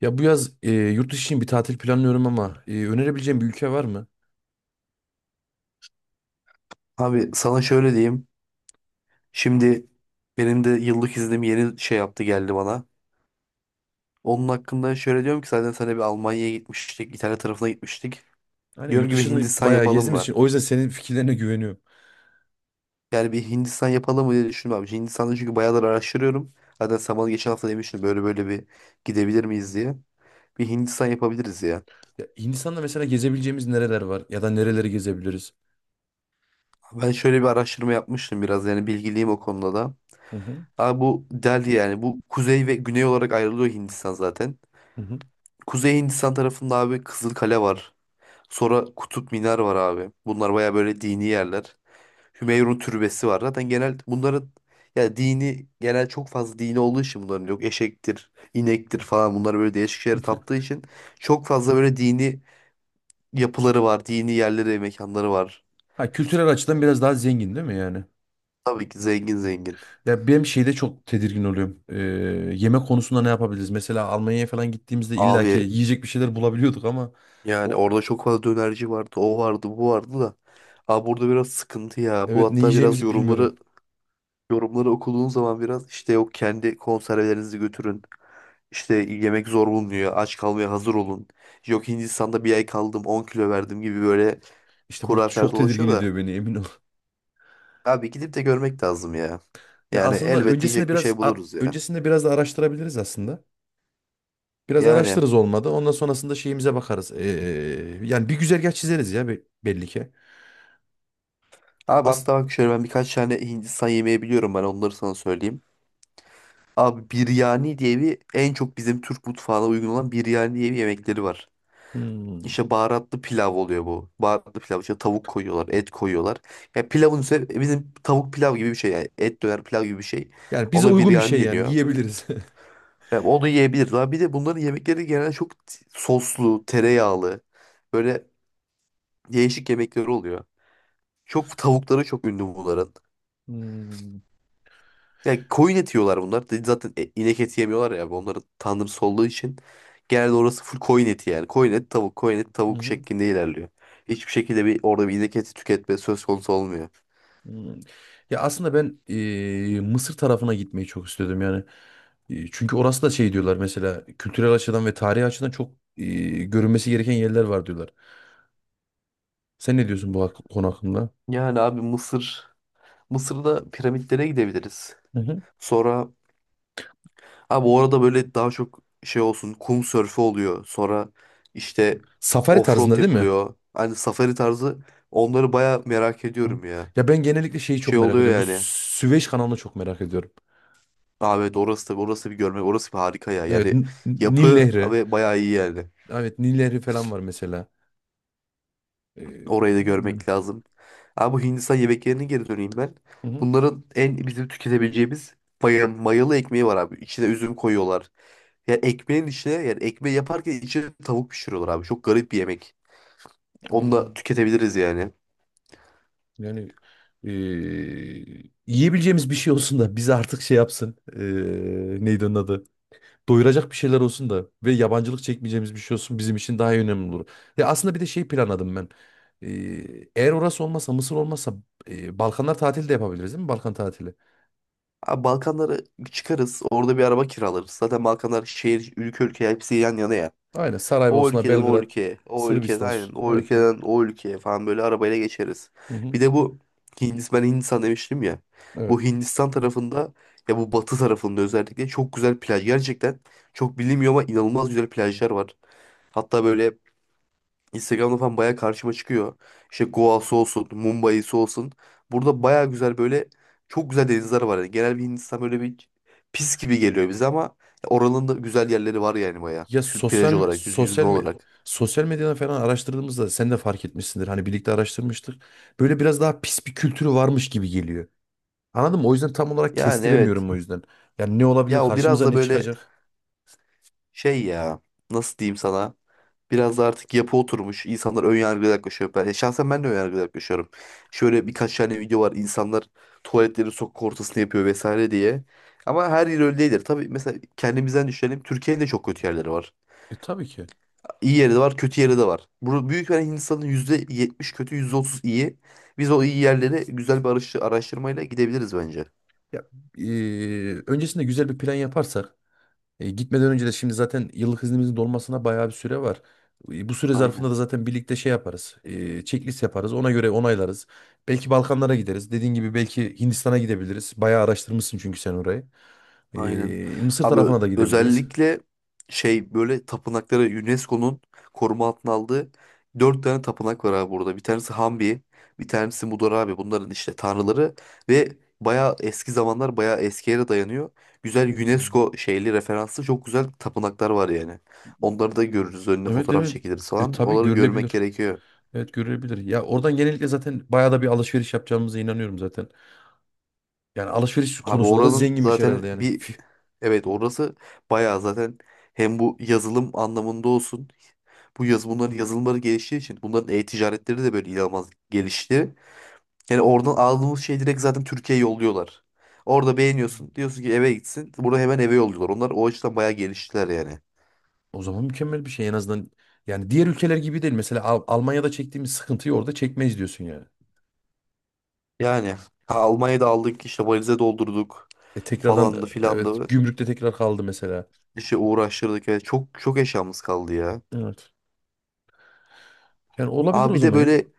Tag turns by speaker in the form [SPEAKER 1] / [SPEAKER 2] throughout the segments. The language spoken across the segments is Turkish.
[SPEAKER 1] Ya bu yaz yurt dışı için bir tatil planlıyorum ama önerebileceğim bir ülke var mı?
[SPEAKER 2] Abi sana şöyle diyeyim. Şimdi benim de yıllık iznim yeni şey yaptı geldi bana. Onun hakkında şöyle diyorum ki zaten sana bir Almanya'ya gitmiştik. İtalya tarafına gitmiştik.
[SPEAKER 1] Aynen,
[SPEAKER 2] Diyorum
[SPEAKER 1] yurt
[SPEAKER 2] gibi
[SPEAKER 1] dışını
[SPEAKER 2] Hindistan
[SPEAKER 1] bayağı
[SPEAKER 2] yapalım
[SPEAKER 1] gezdiğimiz
[SPEAKER 2] mı?
[SPEAKER 1] için o yüzden senin fikirlerine güveniyorum.
[SPEAKER 2] Yani bir Hindistan yapalım mı diye düşündüm abi. Hindistan'da çünkü bayağıdır araştırıyorum. Zaten sen bana geçen hafta demiştin böyle böyle bir gidebilir miyiz diye. Bir Hindistan yapabiliriz ya.
[SPEAKER 1] Ya Hindistan'da mesela gezebileceğimiz nereler var ya da nereleri gezebiliriz?
[SPEAKER 2] Ben şöyle bir araştırma yapmıştım biraz yani bilgiliyim o konuda da.
[SPEAKER 1] Hı hı.
[SPEAKER 2] Abi bu Delhi yani bu kuzey ve güney olarak ayrılıyor Hindistan zaten.
[SPEAKER 1] Hı hı.
[SPEAKER 2] Kuzey Hindistan tarafında abi Kızılkale var. Sonra Kutup Minar var abi. Bunlar baya böyle dini yerler. Hümeyrun Türbesi var. Zaten genel bunların ya dini genel çok fazla dini olduğu için bunların yok eşektir, inektir falan bunlar böyle değişik şeylere taptığı için çok fazla böyle dini yapıları var, dini yerleri, mekanları var.
[SPEAKER 1] Ha, kültürel açıdan biraz daha zengin değil mi yani?
[SPEAKER 2] Tabii ki zengin zengin.
[SPEAKER 1] Ya benim şeyde çok tedirgin oluyorum. Yemek konusunda ne yapabiliriz? Mesela Almanya'ya falan gittiğimizde illaki
[SPEAKER 2] Abi
[SPEAKER 1] yiyecek bir şeyler bulabiliyorduk ama
[SPEAKER 2] yani
[SPEAKER 1] o
[SPEAKER 2] orada çok fazla dönerci vardı, o vardı, bu vardı da. Abi burada biraz sıkıntı ya. Bu
[SPEAKER 1] evet, ne
[SPEAKER 2] hatta biraz
[SPEAKER 1] yiyeceğimizi bilmiyorum.
[SPEAKER 2] yorumları okuduğun zaman biraz işte yok kendi konservelerinizi götürün. İşte yemek zor bulunuyor. Aç kalmaya hazır olun. Yok Hindistan'da bir ay kaldım 10 kilo verdim gibi böyle
[SPEAKER 1] İşte bu
[SPEAKER 2] hurafeler
[SPEAKER 1] çok tedirgin
[SPEAKER 2] dolaşıyor da.
[SPEAKER 1] ediyor beni, emin.
[SPEAKER 2] Abi gidip de görmek lazım ya.
[SPEAKER 1] Ya
[SPEAKER 2] Yani
[SPEAKER 1] aslında
[SPEAKER 2] elbet
[SPEAKER 1] öncesinde
[SPEAKER 2] yiyecek bir
[SPEAKER 1] biraz
[SPEAKER 2] şey buluruz ya.
[SPEAKER 1] öncesinde biraz da araştırabiliriz aslında. Biraz
[SPEAKER 2] Yani
[SPEAKER 1] araştırırız olmadı. Ondan sonrasında şeyimize bakarız. Yani bir güzergah çizeriz ya belli ki.
[SPEAKER 2] abi
[SPEAKER 1] As.
[SPEAKER 2] hatta bak şöyle ben birkaç tane Hindistan yemeği biliyorum ben onları sana söyleyeyim. Abi biryani diye bir en çok bizim Türk mutfağına uygun olan biryani diye bir yemekleri var.
[SPEAKER 1] Hmm.
[SPEAKER 2] İşte baharatlı pilav oluyor bu. Baharatlı pilav işte tavuk koyuyorlar, et koyuyorlar. Ya pilavın üzerine bizim tavuk pilav gibi bir şey yani. Et döner pilav gibi bir şey.
[SPEAKER 1] Yani bize
[SPEAKER 2] Ona
[SPEAKER 1] uygun bir
[SPEAKER 2] biryani
[SPEAKER 1] şey, yani
[SPEAKER 2] deniyor.
[SPEAKER 1] yiyebiliriz.
[SPEAKER 2] Ya onu yiyebilirler. Bir de bunların yemekleri genelde çok soslu, tereyağlı. Böyle değişik yemekleri oluyor. Çok tavukları çok ünlü bunların.
[SPEAKER 1] Hmm.
[SPEAKER 2] Yani koyun eti yiyorlar bunlar. Dedi. Zaten inek eti yemiyorlar ya. Onların tanrısı olduğu için. Genelde orası full koyun eti yani. Koyun et tavuk, koyun et
[SPEAKER 1] Hı
[SPEAKER 2] tavuk
[SPEAKER 1] hı.
[SPEAKER 2] şeklinde ilerliyor. Hiçbir şekilde bir orada bir inek eti tüketme söz konusu olmuyor.
[SPEAKER 1] Hmm. Ya aslında ben Mısır tarafına gitmeyi çok istiyordum yani. Çünkü orası da şey diyorlar mesela, kültürel açıdan ve tarihi açıdan çok görünmesi gereken yerler var diyorlar. Sen ne diyorsun bu konu hakkında?
[SPEAKER 2] Yani abi Mısır. Mısır'da piramitlere gidebiliriz.
[SPEAKER 1] Hı hı.
[SPEAKER 2] Sonra abi orada böyle daha çok şey olsun kum sörfü oluyor. Sonra işte
[SPEAKER 1] Safari
[SPEAKER 2] offroad
[SPEAKER 1] tarzında değil mi?
[SPEAKER 2] yapılıyor. Hani safari tarzı onları baya merak
[SPEAKER 1] Hı.
[SPEAKER 2] ediyorum ya.
[SPEAKER 1] Ya ben genellikle şeyi çok
[SPEAKER 2] Şey
[SPEAKER 1] merak
[SPEAKER 2] oluyor
[SPEAKER 1] ediyorum. Bu
[SPEAKER 2] yani.
[SPEAKER 1] Süveyş kanalını çok merak ediyorum.
[SPEAKER 2] Abi evet, orası da orası bir görmek orası bir harika ya.
[SPEAKER 1] Evet,
[SPEAKER 2] Yani
[SPEAKER 1] Nil
[SPEAKER 2] yapı
[SPEAKER 1] Nehri.
[SPEAKER 2] ve bayağı iyi yani.
[SPEAKER 1] Evet, Nil Nehri falan var mesela. Ee,
[SPEAKER 2] Orayı da
[SPEAKER 1] bilmiyorum yani.
[SPEAKER 2] görmek lazım. Abi bu Hindistan yemeklerine geri döneyim ben.
[SPEAKER 1] Hı hı.
[SPEAKER 2] Bunların en bizim tüketebileceğimiz mayalı ekmeği var abi. İçine üzüm koyuyorlar. Ya ekmeğin içine yani ekmeği yaparken içine tavuk pişiriyorlar abi. Çok garip bir yemek. Onu da
[SPEAKER 1] Allah'ım.
[SPEAKER 2] tüketebiliriz yani.
[SPEAKER 1] Yani ee, yiyebileceğimiz bir şey olsun da bizi artık şey yapsın. Neydi onun adı? Doyuracak bir şeyler olsun da ve yabancılık çekmeyeceğimiz bir şey olsun bizim için daha önemli olur. Ya aslında bir de şey planladım ben. Eğer orası olmasa, Mısır olmasa Balkanlar tatili de yapabiliriz değil mi? Balkan tatili.
[SPEAKER 2] Abi Balkanlara çıkarız. Orada bir araba kiralarız. Zaten Balkanlar şehir, ülke ülke hepsi yan yana ya.
[SPEAKER 1] Aynen,
[SPEAKER 2] O
[SPEAKER 1] Saraybosna,
[SPEAKER 2] ülkeden o
[SPEAKER 1] Belgrad,
[SPEAKER 2] ülkeye, o ülkeden
[SPEAKER 1] Sırbistan.
[SPEAKER 2] aynen, o
[SPEAKER 1] Evet, bu.
[SPEAKER 2] ülkeden o ülkeye falan böyle arabayla geçeriz.
[SPEAKER 1] Hı hı.
[SPEAKER 2] Bir de bu Hindistan, ben Hindistan demiştim ya. Bu
[SPEAKER 1] Evet.
[SPEAKER 2] Hindistan tarafında ya bu batı tarafında özellikle çok güzel plaj. Gerçekten çok bilinmiyor ama inanılmaz güzel plajlar var. Hatta böyle Instagram'da falan baya karşıma çıkıyor. İşte Goa'sı olsun, Mumbai'si olsun. Burada baya güzel böyle çok güzel denizler var. Yani genel bir Hindistan böyle bir pis gibi geliyor bize ama oranın da güzel yerleri var yani baya.
[SPEAKER 1] Ya
[SPEAKER 2] Plaj olarak, yüzme olarak.
[SPEAKER 1] sosyal medyadan falan araştırdığımızda sen de fark etmişsindir. Hani birlikte araştırmıştık. Böyle biraz daha pis bir kültürü varmış gibi geliyor. Anladın mı? O yüzden tam olarak
[SPEAKER 2] Yani evet.
[SPEAKER 1] kestiremiyorum o yüzden. Yani ne olabilir?
[SPEAKER 2] Ya o biraz
[SPEAKER 1] Karşımıza
[SPEAKER 2] da
[SPEAKER 1] ne
[SPEAKER 2] böyle
[SPEAKER 1] çıkacak?
[SPEAKER 2] şey ya. Nasıl diyeyim sana? Biraz da artık yapı oturmuş. İnsanlar ön yargılı yaklaşıyor. Ben, şahsen ben de ön yargılı yaklaşıyorum. Şöyle birkaç tane video var. İnsanlar tuvaletleri sokak ortasında yapıyor vesaire diye. Ama her yer öyle değildir. Tabii mesela kendimizden düşünelim. Türkiye'nin de çok kötü yerleri var.
[SPEAKER 1] E tabii ki.
[SPEAKER 2] İyi yeri de var, kötü yeri de var. Burada büyük bir Hindistan'ın %70 kötü, %30 iyi. Biz o iyi yerlere güzel bir araştırmayla gidebiliriz bence.
[SPEAKER 1] Ya, e, öncesinde güzel bir plan yaparsak. E, gitmeden önce de şimdi zaten yıllık iznimizin dolmasına bayağı bir süre var. E, bu süre zarfında
[SPEAKER 2] Aynen.
[SPEAKER 1] da zaten birlikte şey yaparız. E, checklist yaparız. Ona göre onaylarız. Belki Balkanlara gideriz. Dediğin gibi belki Hindistan'a gidebiliriz. Bayağı araştırmışsın çünkü sen orayı.
[SPEAKER 2] Aynen.
[SPEAKER 1] E, Mısır
[SPEAKER 2] Abi
[SPEAKER 1] tarafına da gidebiliriz.
[SPEAKER 2] özellikle şey böyle tapınakları UNESCO'nun koruma altına aldığı dört tane tapınak var abi burada. Bir tanesi Hambi, bir tanesi Mudar abi. Bunların işte tanrıları ve bayağı eski zamanlar bayağı eski yere dayanıyor. Güzel UNESCO şeyli referanslı çok güzel tapınaklar var yani. Onları da görürüz. Önüne
[SPEAKER 1] Evet,
[SPEAKER 2] fotoğraf
[SPEAKER 1] evet.
[SPEAKER 2] çekiliriz
[SPEAKER 1] E,
[SPEAKER 2] falan.
[SPEAKER 1] tabii
[SPEAKER 2] Onları görmek
[SPEAKER 1] görülebilir.
[SPEAKER 2] gerekiyor.
[SPEAKER 1] Evet, görülebilir. Ya oradan genellikle zaten bayağı da bir alışveriş yapacağımıza inanıyorum zaten. Yani alışveriş
[SPEAKER 2] Abi
[SPEAKER 1] konusunda da
[SPEAKER 2] oranın
[SPEAKER 1] zenginmiş herhalde
[SPEAKER 2] zaten
[SPEAKER 1] yani.
[SPEAKER 2] bir evet orası bayağı zaten hem bu yazılım anlamında olsun bu yaz bunların yazılımları geliştiği için bunların e-ticaretleri de böyle inanılmaz gelişti. Yani oradan aldığımız şey direkt zaten Türkiye'ye yolluyorlar. Orada beğeniyorsun diyorsun ki eve gitsin. Bunu hemen eve yolluyorlar. Onlar o açıdan bayağı geliştiler yani.
[SPEAKER 1] O zaman mükemmel bir şey en azından. Yani diğer ülkeler gibi değil. Mesela Almanya'da çektiğimiz sıkıntıyı orada çekmeyiz diyorsun yani.
[SPEAKER 2] Yani ha, Almanya'da aldık işte valize doldurduk
[SPEAKER 1] E tekrardan
[SPEAKER 2] falandı
[SPEAKER 1] evet,
[SPEAKER 2] filandı
[SPEAKER 1] gümrükte tekrar kaldı mesela.
[SPEAKER 2] işte uğraştırdık. Yani çok çok eşyamız kaldı ya.
[SPEAKER 1] Evet. Yani olabilir o
[SPEAKER 2] Abi bir de
[SPEAKER 1] zaman.
[SPEAKER 2] böyle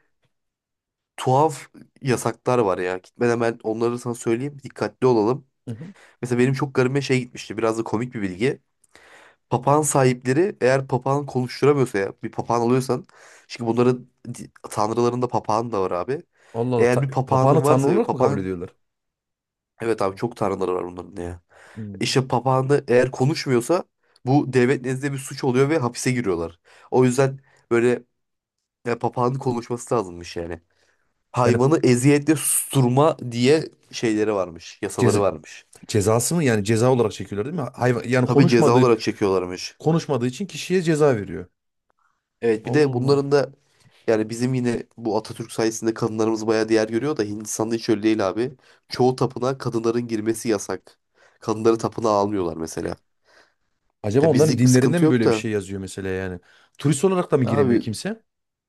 [SPEAKER 2] tuhaf yasaklar var ya. Gitmeden ben onları sana söyleyeyim. Dikkatli olalım.
[SPEAKER 1] Hı hı.
[SPEAKER 2] Mesela benim çok garibime şey gitmişti. Biraz da komik bir bilgi. Papağan sahipleri eğer papağan konuşturamıyorsa ya bir papağan alıyorsan çünkü bunların tanrılarında papağan da var abi.
[SPEAKER 1] Allah Allah.
[SPEAKER 2] Eğer bir
[SPEAKER 1] Papağanı
[SPEAKER 2] papağanın
[SPEAKER 1] tanrı
[SPEAKER 2] varsa ve
[SPEAKER 1] olarak mı kabul
[SPEAKER 2] papağan
[SPEAKER 1] ediyorlar?
[SPEAKER 2] evet abi çok tanrıları var bunların ya.
[SPEAKER 1] Hmm.
[SPEAKER 2] İşte papağanı eğer konuşmuyorsa bu devlet nezdinde bir suç oluyor ve hapise giriyorlar. O yüzden böyle ya, papağanın konuşması lazımmış yani.
[SPEAKER 1] Yani
[SPEAKER 2] Hayvanı eziyetle susturma diye şeyleri varmış,
[SPEAKER 1] ceza,
[SPEAKER 2] yasaları varmış.
[SPEAKER 1] cezası mı? Yani ceza olarak çekiyorlar değil mi? Hayvan yani
[SPEAKER 2] Tabii ceza olarak çekiyorlarmış.
[SPEAKER 1] konuşmadığı için kişiye ceza veriyor.
[SPEAKER 2] Evet, bir
[SPEAKER 1] Allah
[SPEAKER 2] de
[SPEAKER 1] Allah.
[SPEAKER 2] bunların da yani bizim yine bu Atatürk sayesinde kadınlarımız bayağı değer görüyor da Hindistan'da hiç öyle değil abi. Çoğu tapınağa kadınların girmesi yasak. Kadınları tapınağa almıyorlar mesela.
[SPEAKER 1] Acaba
[SPEAKER 2] Ya
[SPEAKER 1] onların
[SPEAKER 2] bizlik bir
[SPEAKER 1] dinlerinde
[SPEAKER 2] sıkıntı
[SPEAKER 1] mi
[SPEAKER 2] yok
[SPEAKER 1] böyle bir
[SPEAKER 2] da
[SPEAKER 1] şey yazıyor mesela yani? Turist olarak da mı giremiyor
[SPEAKER 2] abi
[SPEAKER 1] kimse?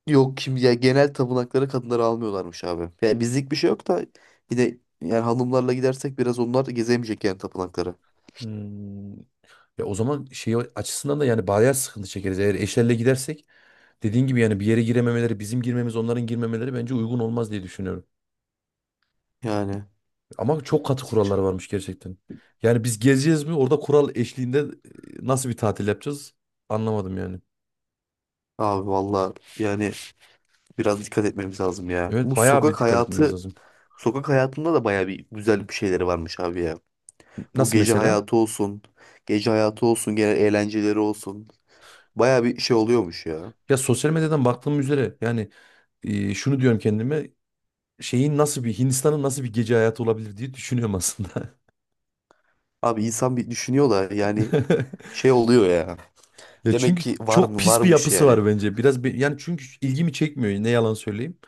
[SPEAKER 2] yok kim ya genel tapınaklara kadınları almıyorlarmış abi. Yani bizlik bir şey yok da yine yani hanımlarla gidersek biraz onlar da gezemeyecek yani tapınakları.
[SPEAKER 1] Hmm. Ya o zaman şey açısından da yani bayağı sıkıntı çekeriz. Eğer eşlerle gidersek dediğin gibi yani bir yere girememeleri, bizim girmemiz, onların girmemeleri bence uygun olmaz diye düşünüyorum.
[SPEAKER 2] Yani.
[SPEAKER 1] Ama çok katı kurallar varmış gerçekten. Yani biz gezeceğiz mi? Orada kural eşliğinde nasıl bir tatil yapacağız? Anlamadım yani.
[SPEAKER 2] Abi valla yani biraz dikkat etmemiz lazım ya.
[SPEAKER 1] Evet,
[SPEAKER 2] Bu
[SPEAKER 1] bayağı bir
[SPEAKER 2] sokak
[SPEAKER 1] dikkat etmemiz
[SPEAKER 2] hayatı,
[SPEAKER 1] lazım.
[SPEAKER 2] sokak hayatında da baya bir güzel bir şeyleri varmış abi ya. Bu
[SPEAKER 1] Nasıl
[SPEAKER 2] gece
[SPEAKER 1] mesela?
[SPEAKER 2] hayatı olsun, gece hayatı olsun, genel eğlenceleri olsun. Baya bir şey oluyormuş ya.
[SPEAKER 1] Ya sosyal medyadan baktığım üzere yani şunu diyorum kendime, şeyin nasıl bir Hindistan'ın nasıl bir gece hayatı olabilir diye düşünüyorum aslında.
[SPEAKER 2] Abi insan bir düşünüyor da yani şey oluyor ya.
[SPEAKER 1] Ya
[SPEAKER 2] Demek
[SPEAKER 1] çünkü
[SPEAKER 2] ki var
[SPEAKER 1] çok
[SPEAKER 2] mı
[SPEAKER 1] pis bir
[SPEAKER 2] varmış
[SPEAKER 1] yapısı
[SPEAKER 2] yani.
[SPEAKER 1] var bence. Biraz bir, yani çünkü ilgimi çekmiyor. Ne yalan söyleyeyim.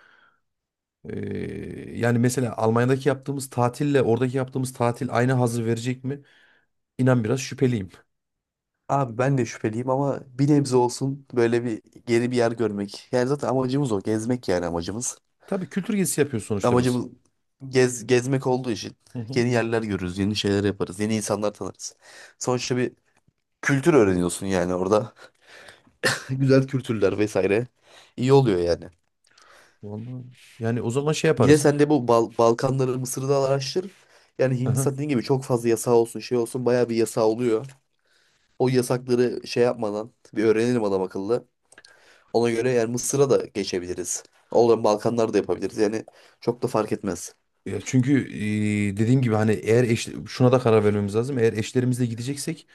[SPEAKER 1] Yani mesela Almanya'daki yaptığımız tatille oradaki yaptığımız tatil aynı hazzı verecek mi? İnan biraz şüpheliyim.
[SPEAKER 2] Abi ben de şüpheliyim ama bir nebze olsun böyle bir geri bir yer görmek. Yani zaten amacımız o. Gezmek yani amacımız.
[SPEAKER 1] Tabii, kültür gezisi yapıyoruz sonuçta biz.
[SPEAKER 2] Amacımız gezmek olduğu için
[SPEAKER 1] Hı hı.
[SPEAKER 2] yeni yerler görürüz, yeni şeyler yaparız, yeni insanlar tanırız. Sonuçta bir kültür öğreniyorsun yani orada. Güzel kültürler vesaire. İyi oluyor yani.
[SPEAKER 1] Vallahi. Yani o zaman şey
[SPEAKER 2] Yine
[SPEAKER 1] yaparız.
[SPEAKER 2] sen de bu Balkanları, Mısır'ı da araştır. Yani
[SPEAKER 1] Aha.
[SPEAKER 2] Hindistan dediğin gibi çok fazla yasağı olsun, şey olsun bayağı bir yasağı oluyor. O yasakları şey yapmadan bir öğrenelim adam akıllı. Ona göre yani Mısır'a da geçebiliriz. Olan Balkanlar da yapabiliriz. Yani çok da fark etmez.
[SPEAKER 1] Ya çünkü dediğim gibi hani eğer şuna da karar vermemiz lazım. Eğer eşlerimizle gideceksek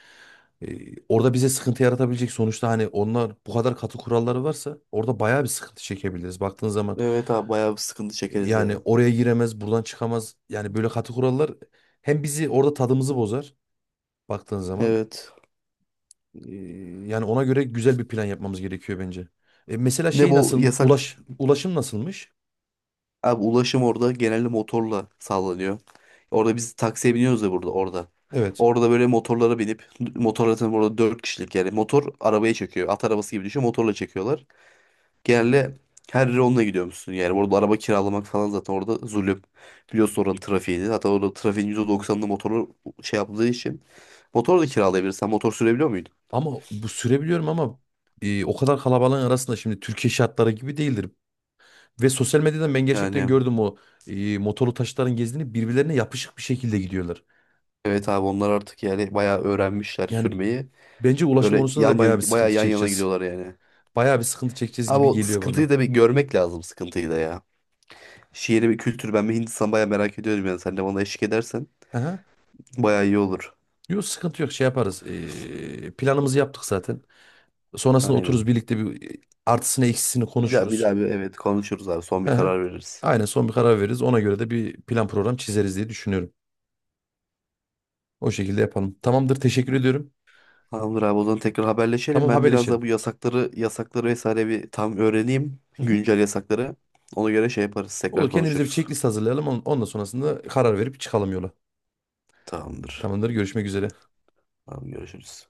[SPEAKER 1] e, orada bize sıkıntı yaratabilecek sonuçta, hani onlar bu kadar katı kuralları varsa orada bayağı bir sıkıntı çekebiliriz baktığın zaman.
[SPEAKER 2] Evet abi bayağı bir sıkıntı çekeriz
[SPEAKER 1] Yani
[SPEAKER 2] ya.
[SPEAKER 1] oraya giremez, buradan çıkamaz. Yani böyle katı kurallar hem bizi orada tadımızı bozar baktığın zaman.
[SPEAKER 2] Evet.
[SPEAKER 1] Ee, Yani ona göre güzel bir plan yapmamız gerekiyor bence. E, mesela
[SPEAKER 2] Bir de
[SPEAKER 1] şey
[SPEAKER 2] bu
[SPEAKER 1] nasıl,
[SPEAKER 2] yasak
[SPEAKER 1] ulaşım nasılmış?
[SPEAKER 2] abi ulaşım orada genelde motorla sağlanıyor. Orada biz taksiye biniyoruz ya burada orada.
[SPEAKER 1] Evet.
[SPEAKER 2] Orada böyle motorlara binip motorla tabii orada 4 kişilik yani motor arabaya çekiyor. At arabası gibi düşüyor motorla çekiyorlar.
[SPEAKER 1] Hmm.
[SPEAKER 2] Genelde her yere onunla gidiyormuşsun yani. Orada araba kiralamak falan zaten orada zulüm. Biliyorsun oranın trafiğini. Hatta orada trafiğin %90'ını motorla şey yaptığı için. Motor da kiralayabilirsen motor sürebiliyor muydun?
[SPEAKER 1] Ama bu sürebiliyorum ama o kadar kalabalığın arasında şimdi Türkiye şartları gibi değildir. Ve sosyal medyadan ben gerçekten
[SPEAKER 2] Yani
[SPEAKER 1] gördüm o motorlu taşıtların gezdiğini birbirlerine yapışık bir şekilde gidiyorlar.
[SPEAKER 2] evet abi onlar artık yani bayağı öğrenmişler
[SPEAKER 1] Yani
[SPEAKER 2] sürmeyi.
[SPEAKER 1] bence ulaşım
[SPEAKER 2] Böyle
[SPEAKER 1] konusunda da
[SPEAKER 2] yan
[SPEAKER 1] bayağı bir
[SPEAKER 2] yana, bayağı
[SPEAKER 1] sıkıntı
[SPEAKER 2] yan yana
[SPEAKER 1] çekeceğiz.
[SPEAKER 2] gidiyorlar yani.
[SPEAKER 1] Bayağı bir sıkıntı çekeceğiz
[SPEAKER 2] Abi
[SPEAKER 1] gibi
[SPEAKER 2] o
[SPEAKER 1] geliyor bana.
[SPEAKER 2] sıkıntıyı da bir görmek lazım sıkıntıyı da ya. Şiiri bir kültür ben bir Hindistan bayağı merak ediyorum yani sen de bana eşlik edersen
[SPEAKER 1] Aha.
[SPEAKER 2] bayağı iyi olur.
[SPEAKER 1] Yok sıkıntı yok, şey yaparız. Planımızı yaptık zaten. Sonrasında otururuz
[SPEAKER 2] Aynen.
[SPEAKER 1] birlikte bir artısını eksisini
[SPEAKER 2] Bir daha bir
[SPEAKER 1] konuşuruz.
[SPEAKER 2] daha bir evet konuşuruz abi son
[SPEAKER 1] Hı
[SPEAKER 2] bir
[SPEAKER 1] hı.
[SPEAKER 2] karar veririz.
[SPEAKER 1] Aynen, son bir karar veririz. Ona göre de bir plan program çizeriz diye düşünüyorum. O şekilde yapalım. Tamamdır, teşekkür ediyorum.
[SPEAKER 2] Tamamdır abi o zaman tekrar haberleşelim.
[SPEAKER 1] Tamam,
[SPEAKER 2] Ben biraz
[SPEAKER 1] haberleşelim.
[SPEAKER 2] da bu yasakları vesaire bir tam öğreneyim.
[SPEAKER 1] Hı hı.
[SPEAKER 2] Güncel yasakları. Ona göre şey yaparız tekrar
[SPEAKER 1] Olur, kendimize bir
[SPEAKER 2] konuşuruz.
[SPEAKER 1] checklist hazırlayalım. Ondan sonrasında karar verip çıkalım yola.
[SPEAKER 2] Tamamdır.
[SPEAKER 1] Tamamdır, görüşmek üzere.
[SPEAKER 2] Tamam görüşürüz.